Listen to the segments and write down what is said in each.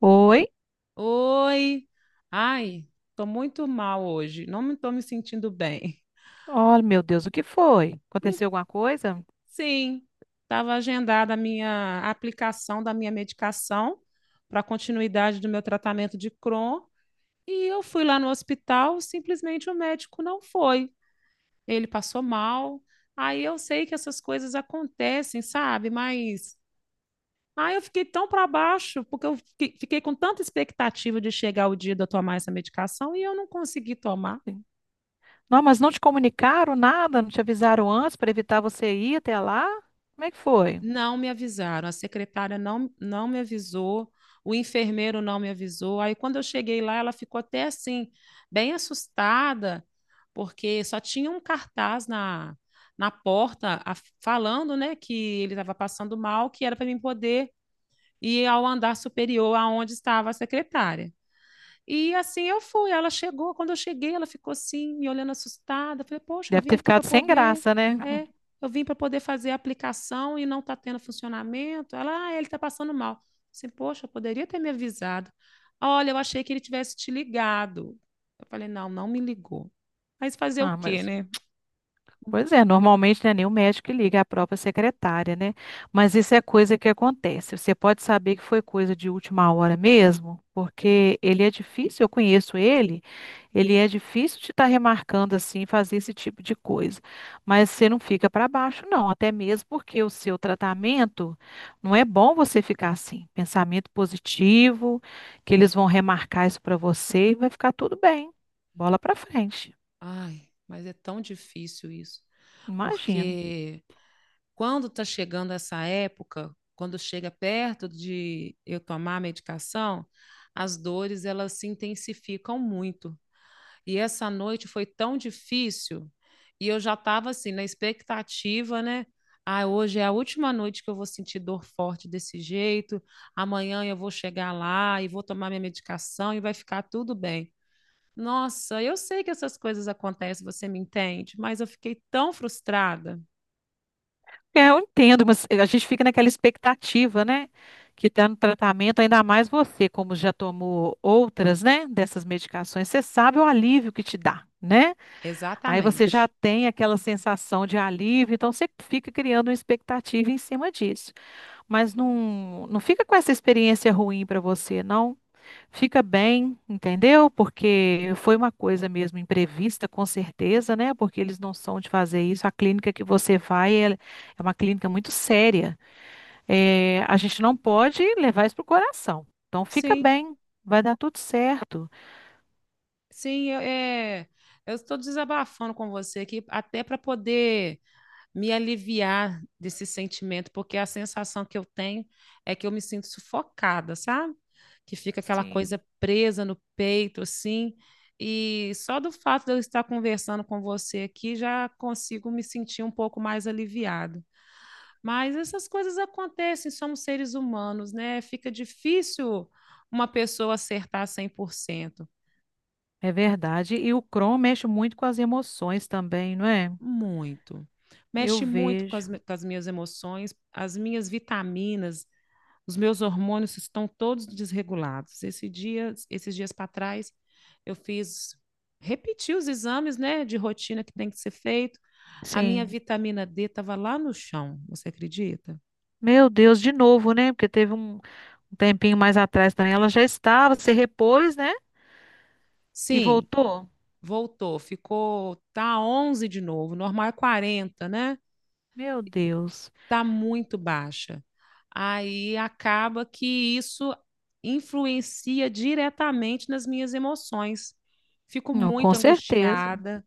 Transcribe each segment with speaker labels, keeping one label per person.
Speaker 1: Oi?
Speaker 2: Oi, ai, tô muito mal hoje, não me tô me sentindo bem.
Speaker 1: Oh, meu Deus, o que foi?
Speaker 2: Hum,
Speaker 1: Aconteceu alguma coisa?
Speaker 2: Sim, estava agendada a minha aplicação da minha medicação para continuidade do meu tratamento de Crohn e eu fui lá no hospital, simplesmente o médico não foi. Ele passou mal. Aí eu sei que essas coisas acontecem, sabe? Mas aí eu fiquei tão para baixo porque eu fiquei com tanta expectativa de chegar o dia de eu tomar essa medicação e eu não consegui tomar.
Speaker 1: Sim. Não, mas não te comunicaram nada, não te avisaram antes para evitar você ir até lá? Como é que foi?
Speaker 2: Não me avisaram, a secretária não me avisou, o enfermeiro não me avisou. Aí, quando eu cheguei lá, ela ficou até assim, bem assustada, porque só tinha um cartaz na porta falando, né, que ele estava passando mal, que era para mim poder ir ao andar superior aonde estava a secretária. E assim eu fui. Ela chegou, quando eu cheguei, ela ficou assim, me olhando assustada. Falei, poxa, eu
Speaker 1: Deve
Speaker 2: vim
Speaker 1: ter
Speaker 2: aqui para
Speaker 1: ficado sem
Speaker 2: poder.
Speaker 1: graça, né?
Speaker 2: É, eu vim para poder fazer a aplicação e não está tendo funcionamento. Ela, ah, ele está passando mal. Assim, poxa, eu poderia ter me avisado. Olha, eu achei que ele tivesse te ligado. Eu falei, não, não me ligou. Mas fazer o
Speaker 1: Ah,
Speaker 2: quê,
Speaker 1: mas
Speaker 2: né?
Speaker 1: Pois é, normalmente não é nem o médico que liga, é a própria secretária, né? Mas isso é coisa que acontece. Você pode saber que foi coisa de última hora mesmo, porque ele é difícil, eu conheço ele, ele é difícil de estar remarcando assim, fazer esse tipo de coisa. Mas você não fica para baixo, não, até mesmo porque o seu tratamento não é bom você ficar assim. Pensamento positivo, que eles vão remarcar isso para você e vai ficar tudo bem. Bola para frente,
Speaker 2: Ai, mas é tão difícil isso,
Speaker 1: imagino.
Speaker 2: porque quando está chegando essa época, quando chega perto de eu tomar a medicação, as dores elas se intensificam muito. E essa noite foi tão difícil e eu já estava assim na expectativa, né? Ah, hoje é a última noite que eu vou sentir dor forte desse jeito. Amanhã eu vou chegar lá e vou tomar minha medicação e vai ficar tudo bem. Nossa, eu sei que essas coisas acontecem, você me entende, mas eu fiquei tão frustrada.
Speaker 1: É, eu entendo, mas a gente fica naquela expectativa, né? Que está no tratamento, ainda mais você, como já tomou outras, né? Dessas medicações, você sabe o alívio que te dá, né? Aí você já
Speaker 2: Exatamente.
Speaker 1: tem aquela sensação de alívio, então você fica criando uma expectativa em cima disso. Mas não, não fica com essa experiência ruim para você, não. Fica bem, entendeu? Porque foi uma coisa mesmo imprevista, com certeza, né? Porque eles não são de fazer isso. A clínica que você vai é uma clínica muito séria. É, a gente não pode levar isso pro coração. Então, fica
Speaker 2: Sim.
Speaker 1: bem, vai dar tudo certo.
Speaker 2: Eu eu estou desabafando com você aqui, até para poder me aliviar desse sentimento, porque a sensação que eu tenho é que eu me sinto sufocada, sabe? Que fica aquela
Speaker 1: Sim,
Speaker 2: coisa presa no peito, assim. E só do fato de eu estar conversando com você aqui, já consigo me sentir um pouco mais aliviado. Mas essas coisas acontecem, somos seres humanos, né? Fica difícil uma pessoa acertar cem por cento.
Speaker 1: é verdade. E o Crohn mexe muito com as emoções também, não é?
Speaker 2: Muito.
Speaker 1: Eu
Speaker 2: Mexe muito com
Speaker 1: vejo.
Speaker 2: as, com as minhas emoções, as minhas vitaminas, os meus hormônios estão todos desregulados. Esse dia, esses dias para trás, eu fiz, repeti os exames, né, de rotina que tem que ser feito. A minha
Speaker 1: Sim.
Speaker 2: vitamina D estava lá no chão, você acredita?
Speaker 1: Meu Deus, de novo, né? Porque teve um tempinho mais atrás também. Ela já estava, se repôs, né? E
Speaker 2: Sim,
Speaker 1: voltou.
Speaker 2: voltou, ficou, tá 11 de novo, normal é 40, né?
Speaker 1: Meu Deus.
Speaker 2: Está muito baixa. Aí acaba que isso influencia diretamente nas minhas emoções. Fico
Speaker 1: Não, com
Speaker 2: muito
Speaker 1: certeza.
Speaker 2: angustiada,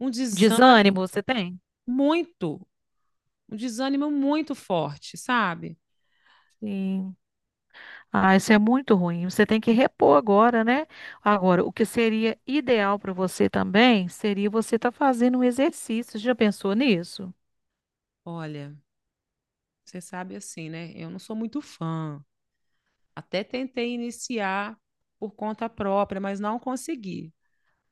Speaker 2: um desânimo
Speaker 1: Desânimo você tem?
Speaker 2: muito, um desânimo muito forte, sabe?
Speaker 1: Sim. Ah, isso é muito ruim. Você tem que repor agora, né? Agora, o que seria ideal para você também seria você estar fazendo um exercício. Já pensou nisso?
Speaker 2: Olha, você sabe assim, né? Eu não sou muito fã. Até tentei iniciar por conta própria, mas não consegui.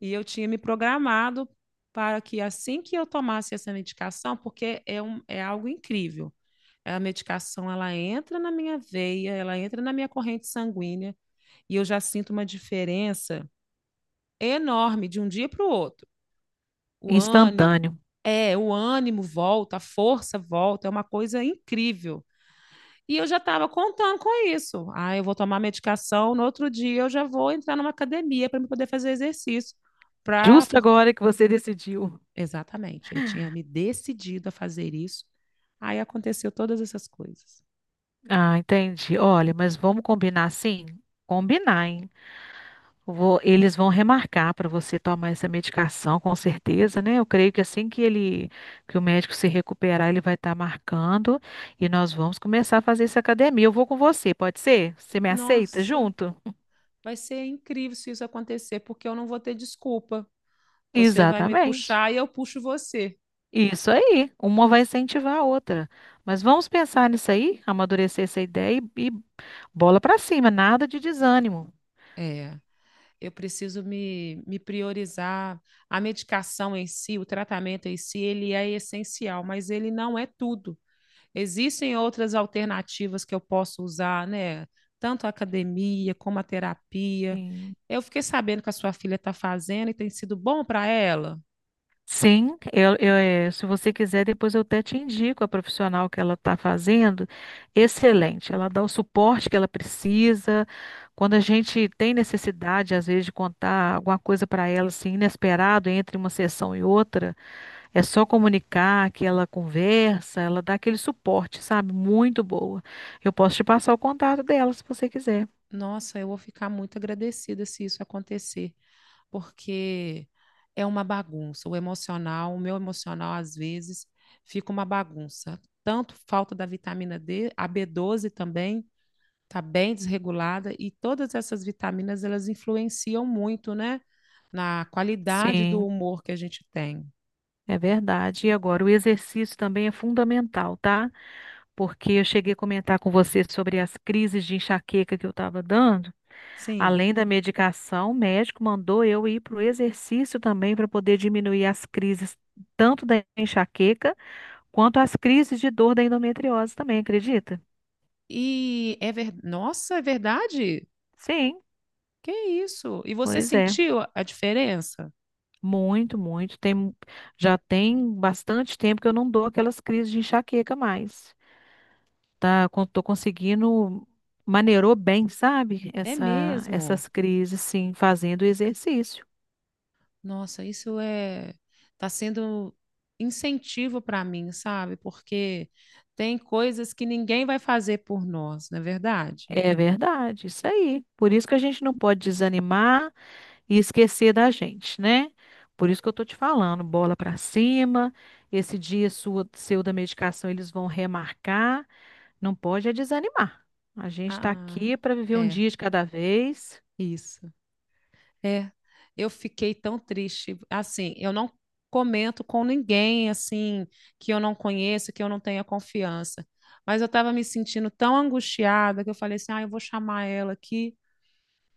Speaker 2: E eu tinha me programado para que assim que eu tomasse essa medicação, é algo incrível, a medicação ela entra na minha veia, ela entra na minha corrente sanguínea e eu já sinto uma diferença enorme de um dia para o outro. O ânimo,
Speaker 1: Instantâneo.
Speaker 2: o ânimo volta, a força volta, é uma coisa incrível. E eu já estava contando com isso. Ah, eu vou tomar medicação, no outro dia eu já vou entrar numa academia para me poder fazer exercício. Pra,
Speaker 1: Justo agora que você decidiu.
Speaker 2: Exatamente, eu tinha me decidido a fazer isso. Aí aconteceu todas essas coisas.
Speaker 1: Ah, entendi. Olha, mas vamos combinar sim? Combinar, hein? Eles vão remarcar para você tomar essa medicação, com certeza, né? Eu creio que assim que ele, que o médico se recuperar, ele vai estar marcando e nós vamos começar a fazer essa academia. Eu vou com você, pode ser? Você me aceita
Speaker 2: Nossa,
Speaker 1: junto?
Speaker 2: vai ser incrível se isso acontecer, porque eu não vou ter desculpa. Você vai me
Speaker 1: Exatamente.
Speaker 2: puxar e eu puxo você.
Speaker 1: Isso aí. Uma vai incentivar a outra. Mas vamos pensar nisso aí, amadurecer essa ideia e bola para cima, nada de desânimo.
Speaker 2: É, eu preciso me priorizar. A medicação em si, o tratamento em si, ele é essencial, mas ele não é tudo. Existem outras alternativas que eu posso usar, né? Tanto a academia como a terapia.
Speaker 1: Sim.
Speaker 2: Eu fiquei sabendo que a sua filha está fazendo e tem sido bom para ela.
Speaker 1: Sim, eu, se você quiser, depois eu até te indico a profissional que ela está fazendo. Excelente, ela dá o suporte que ela precisa. Quando a gente tem necessidade, às vezes, de contar alguma coisa para ela, assim, inesperado, entre uma sessão e outra, é só comunicar que ela conversa, ela dá aquele suporte, sabe? Muito boa. Eu posso te passar o contato dela, se você quiser.
Speaker 2: Nossa, eu vou ficar muito agradecida se isso acontecer, porque é uma bagunça. O emocional, o meu emocional, às vezes, fica uma bagunça. Tanto falta da vitamina D, a b doze também está bem desregulada, e todas essas vitaminas, elas influenciam muito, né? Na qualidade do
Speaker 1: Sim,
Speaker 2: humor que a gente tem.
Speaker 1: é verdade. E agora, o exercício também é fundamental, tá? Porque eu cheguei a comentar com você sobre as crises de enxaqueca que eu estava dando.
Speaker 2: Sim.
Speaker 1: Além da medicação, o médico mandou eu ir para o exercício também para poder diminuir as crises, tanto da enxaqueca quanto as crises de dor da endometriose também, acredita?
Speaker 2: Nossa, é verdade?
Speaker 1: Sim,
Speaker 2: Que isso? E você
Speaker 1: pois é.
Speaker 2: sentiu a diferença?
Speaker 1: Muito, muito. Já tem bastante tempo que eu não dou aquelas crises de enxaqueca mais. Tá, tô conseguindo maneirou bem, sabe?
Speaker 2: É mesmo?
Speaker 1: Essas crises, sim, fazendo exercício.
Speaker 2: Nossa, isso é, tá sendo incentivo para mim, sabe? Porque tem coisas que ninguém vai fazer por nós, não é verdade?
Speaker 1: É verdade, isso aí. Por isso que a gente não pode desanimar e esquecer da gente, né? Por isso que eu tô te falando, bola pra cima. Esse dia seu da medicação eles vão remarcar. Não pode é desanimar. A gente tá
Speaker 2: Ah,
Speaker 1: aqui para viver um
Speaker 2: é,
Speaker 1: dia de cada vez.
Speaker 2: isso. É, eu fiquei tão triste. Assim, eu não comento com ninguém assim que eu não conheço, que eu não tenha confiança. Mas eu estava me sentindo tão angustiada que eu falei assim: "Ah, eu vou chamar ela aqui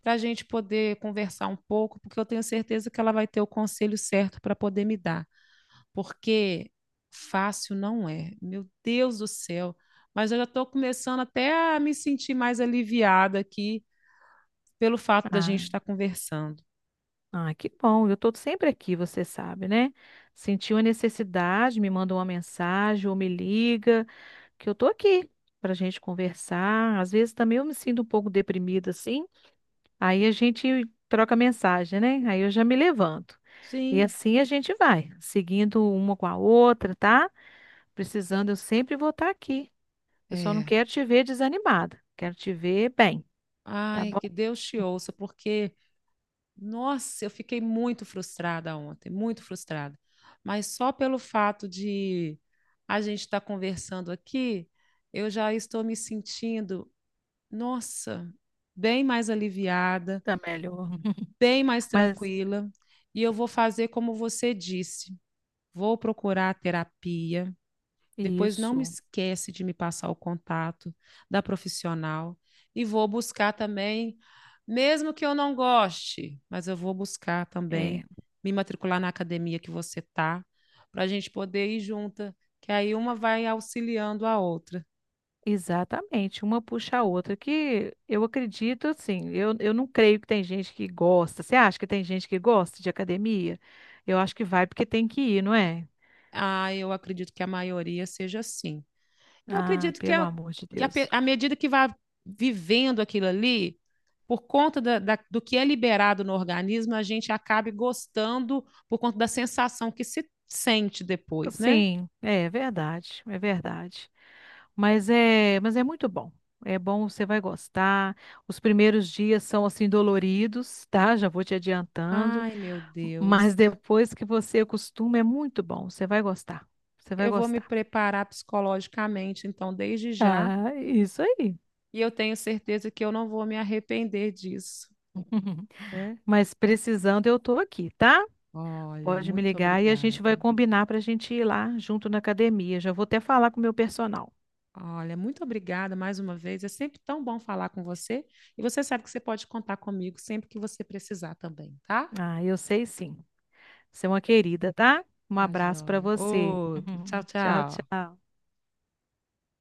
Speaker 2: para a gente poder conversar um pouco, porque eu tenho certeza que ela vai ter o conselho certo para poder me dar, porque fácil não é. Meu Deus do céu! Mas eu já estou começando até a me sentir mais aliviada aqui pelo fato da gente
Speaker 1: Ah,
Speaker 2: estar conversando.
Speaker 1: ah, que bom. Eu tô sempre aqui, você sabe, né? Sentiu a necessidade, me manda uma mensagem ou me liga, que eu tô aqui pra gente conversar. Às vezes também eu me sinto um pouco deprimida assim. Aí a gente troca mensagem, né? Aí eu já me levanto. E
Speaker 2: Sim,
Speaker 1: assim a gente vai, seguindo uma com a outra, tá? Precisando, eu sempre vou estar aqui. Eu só não
Speaker 2: é.
Speaker 1: quero te ver desanimada. Quero te ver bem, tá
Speaker 2: Ai,
Speaker 1: bom?
Speaker 2: que Deus te ouça, porque nossa, eu fiquei muito frustrada ontem, muito frustrada. Mas só pelo fato de a gente estar conversando aqui, eu já estou me sentindo, nossa, bem mais aliviada,
Speaker 1: Tá melhor.
Speaker 2: bem mais
Speaker 1: Mas
Speaker 2: tranquila. E eu vou fazer como você disse, vou procurar terapia, depois não me
Speaker 1: isso,
Speaker 2: esquece de me passar o contato da profissional e vou buscar também, mesmo que eu não goste, mas eu vou buscar
Speaker 1: é.
Speaker 2: também me matricular na academia que você tá, para a gente poder ir junta, que aí uma vai auxiliando a outra.
Speaker 1: Exatamente, uma puxa a outra, que eu acredito assim, eu não creio que tem gente que gosta. Você acha que tem gente que gosta de academia? Eu acho que vai porque tem que ir, não é?
Speaker 2: Ah, eu acredito que a maioria seja assim. Eu
Speaker 1: Ah,
Speaker 2: acredito que,
Speaker 1: pelo amor de
Speaker 2: que a
Speaker 1: Deus.
Speaker 2: à medida que vai vivendo aquilo ali, por conta do que é liberado no organismo, a gente acabe gostando por conta da sensação que se sente depois, né?
Speaker 1: Sim, é verdade, é verdade. Mas é muito bom. É bom, você vai gostar. Os primeiros dias são assim doloridos, tá? Já vou te adiantando,
Speaker 2: Ai, meu Deus.
Speaker 1: mas depois que você acostuma é muito bom, você vai gostar. Você vai
Speaker 2: Eu vou me
Speaker 1: gostar.
Speaker 2: preparar psicologicamente, então, desde já,
Speaker 1: Ah, isso aí.
Speaker 2: e eu tenho certeza que eu não vou me arrepender disso, né?
Speaker 1: Mas precisando, eu tô aqui, tá?
Speaker 2: Olha,
Speaker 1: Pode me
Speaker 2: muito
Speaker 1: ligar e a gente vai
Speaker 2: obrigada.
Speaker 1: combinar para a gente ir lá junto na academia. Já vou até falar com o meu personal.
Speaker 2: Olha, muito obrigada mais uma vez. É sempre tão bom falar com você. E você sabe que você pode contar comigo sempre que você precisar também, tá?
Speaker 1: Ah, eu sei sim. Você é uma querida, tá? Um
Speaker 2: Tá,
Speaker 1: abraço para
Speaker 2: joia.
Speaker 1: você.
Speaker 2: Outro. Tchau,
Speaker 1: Tchau,
Speaker 2: tchau.
Speaker 1: tchau.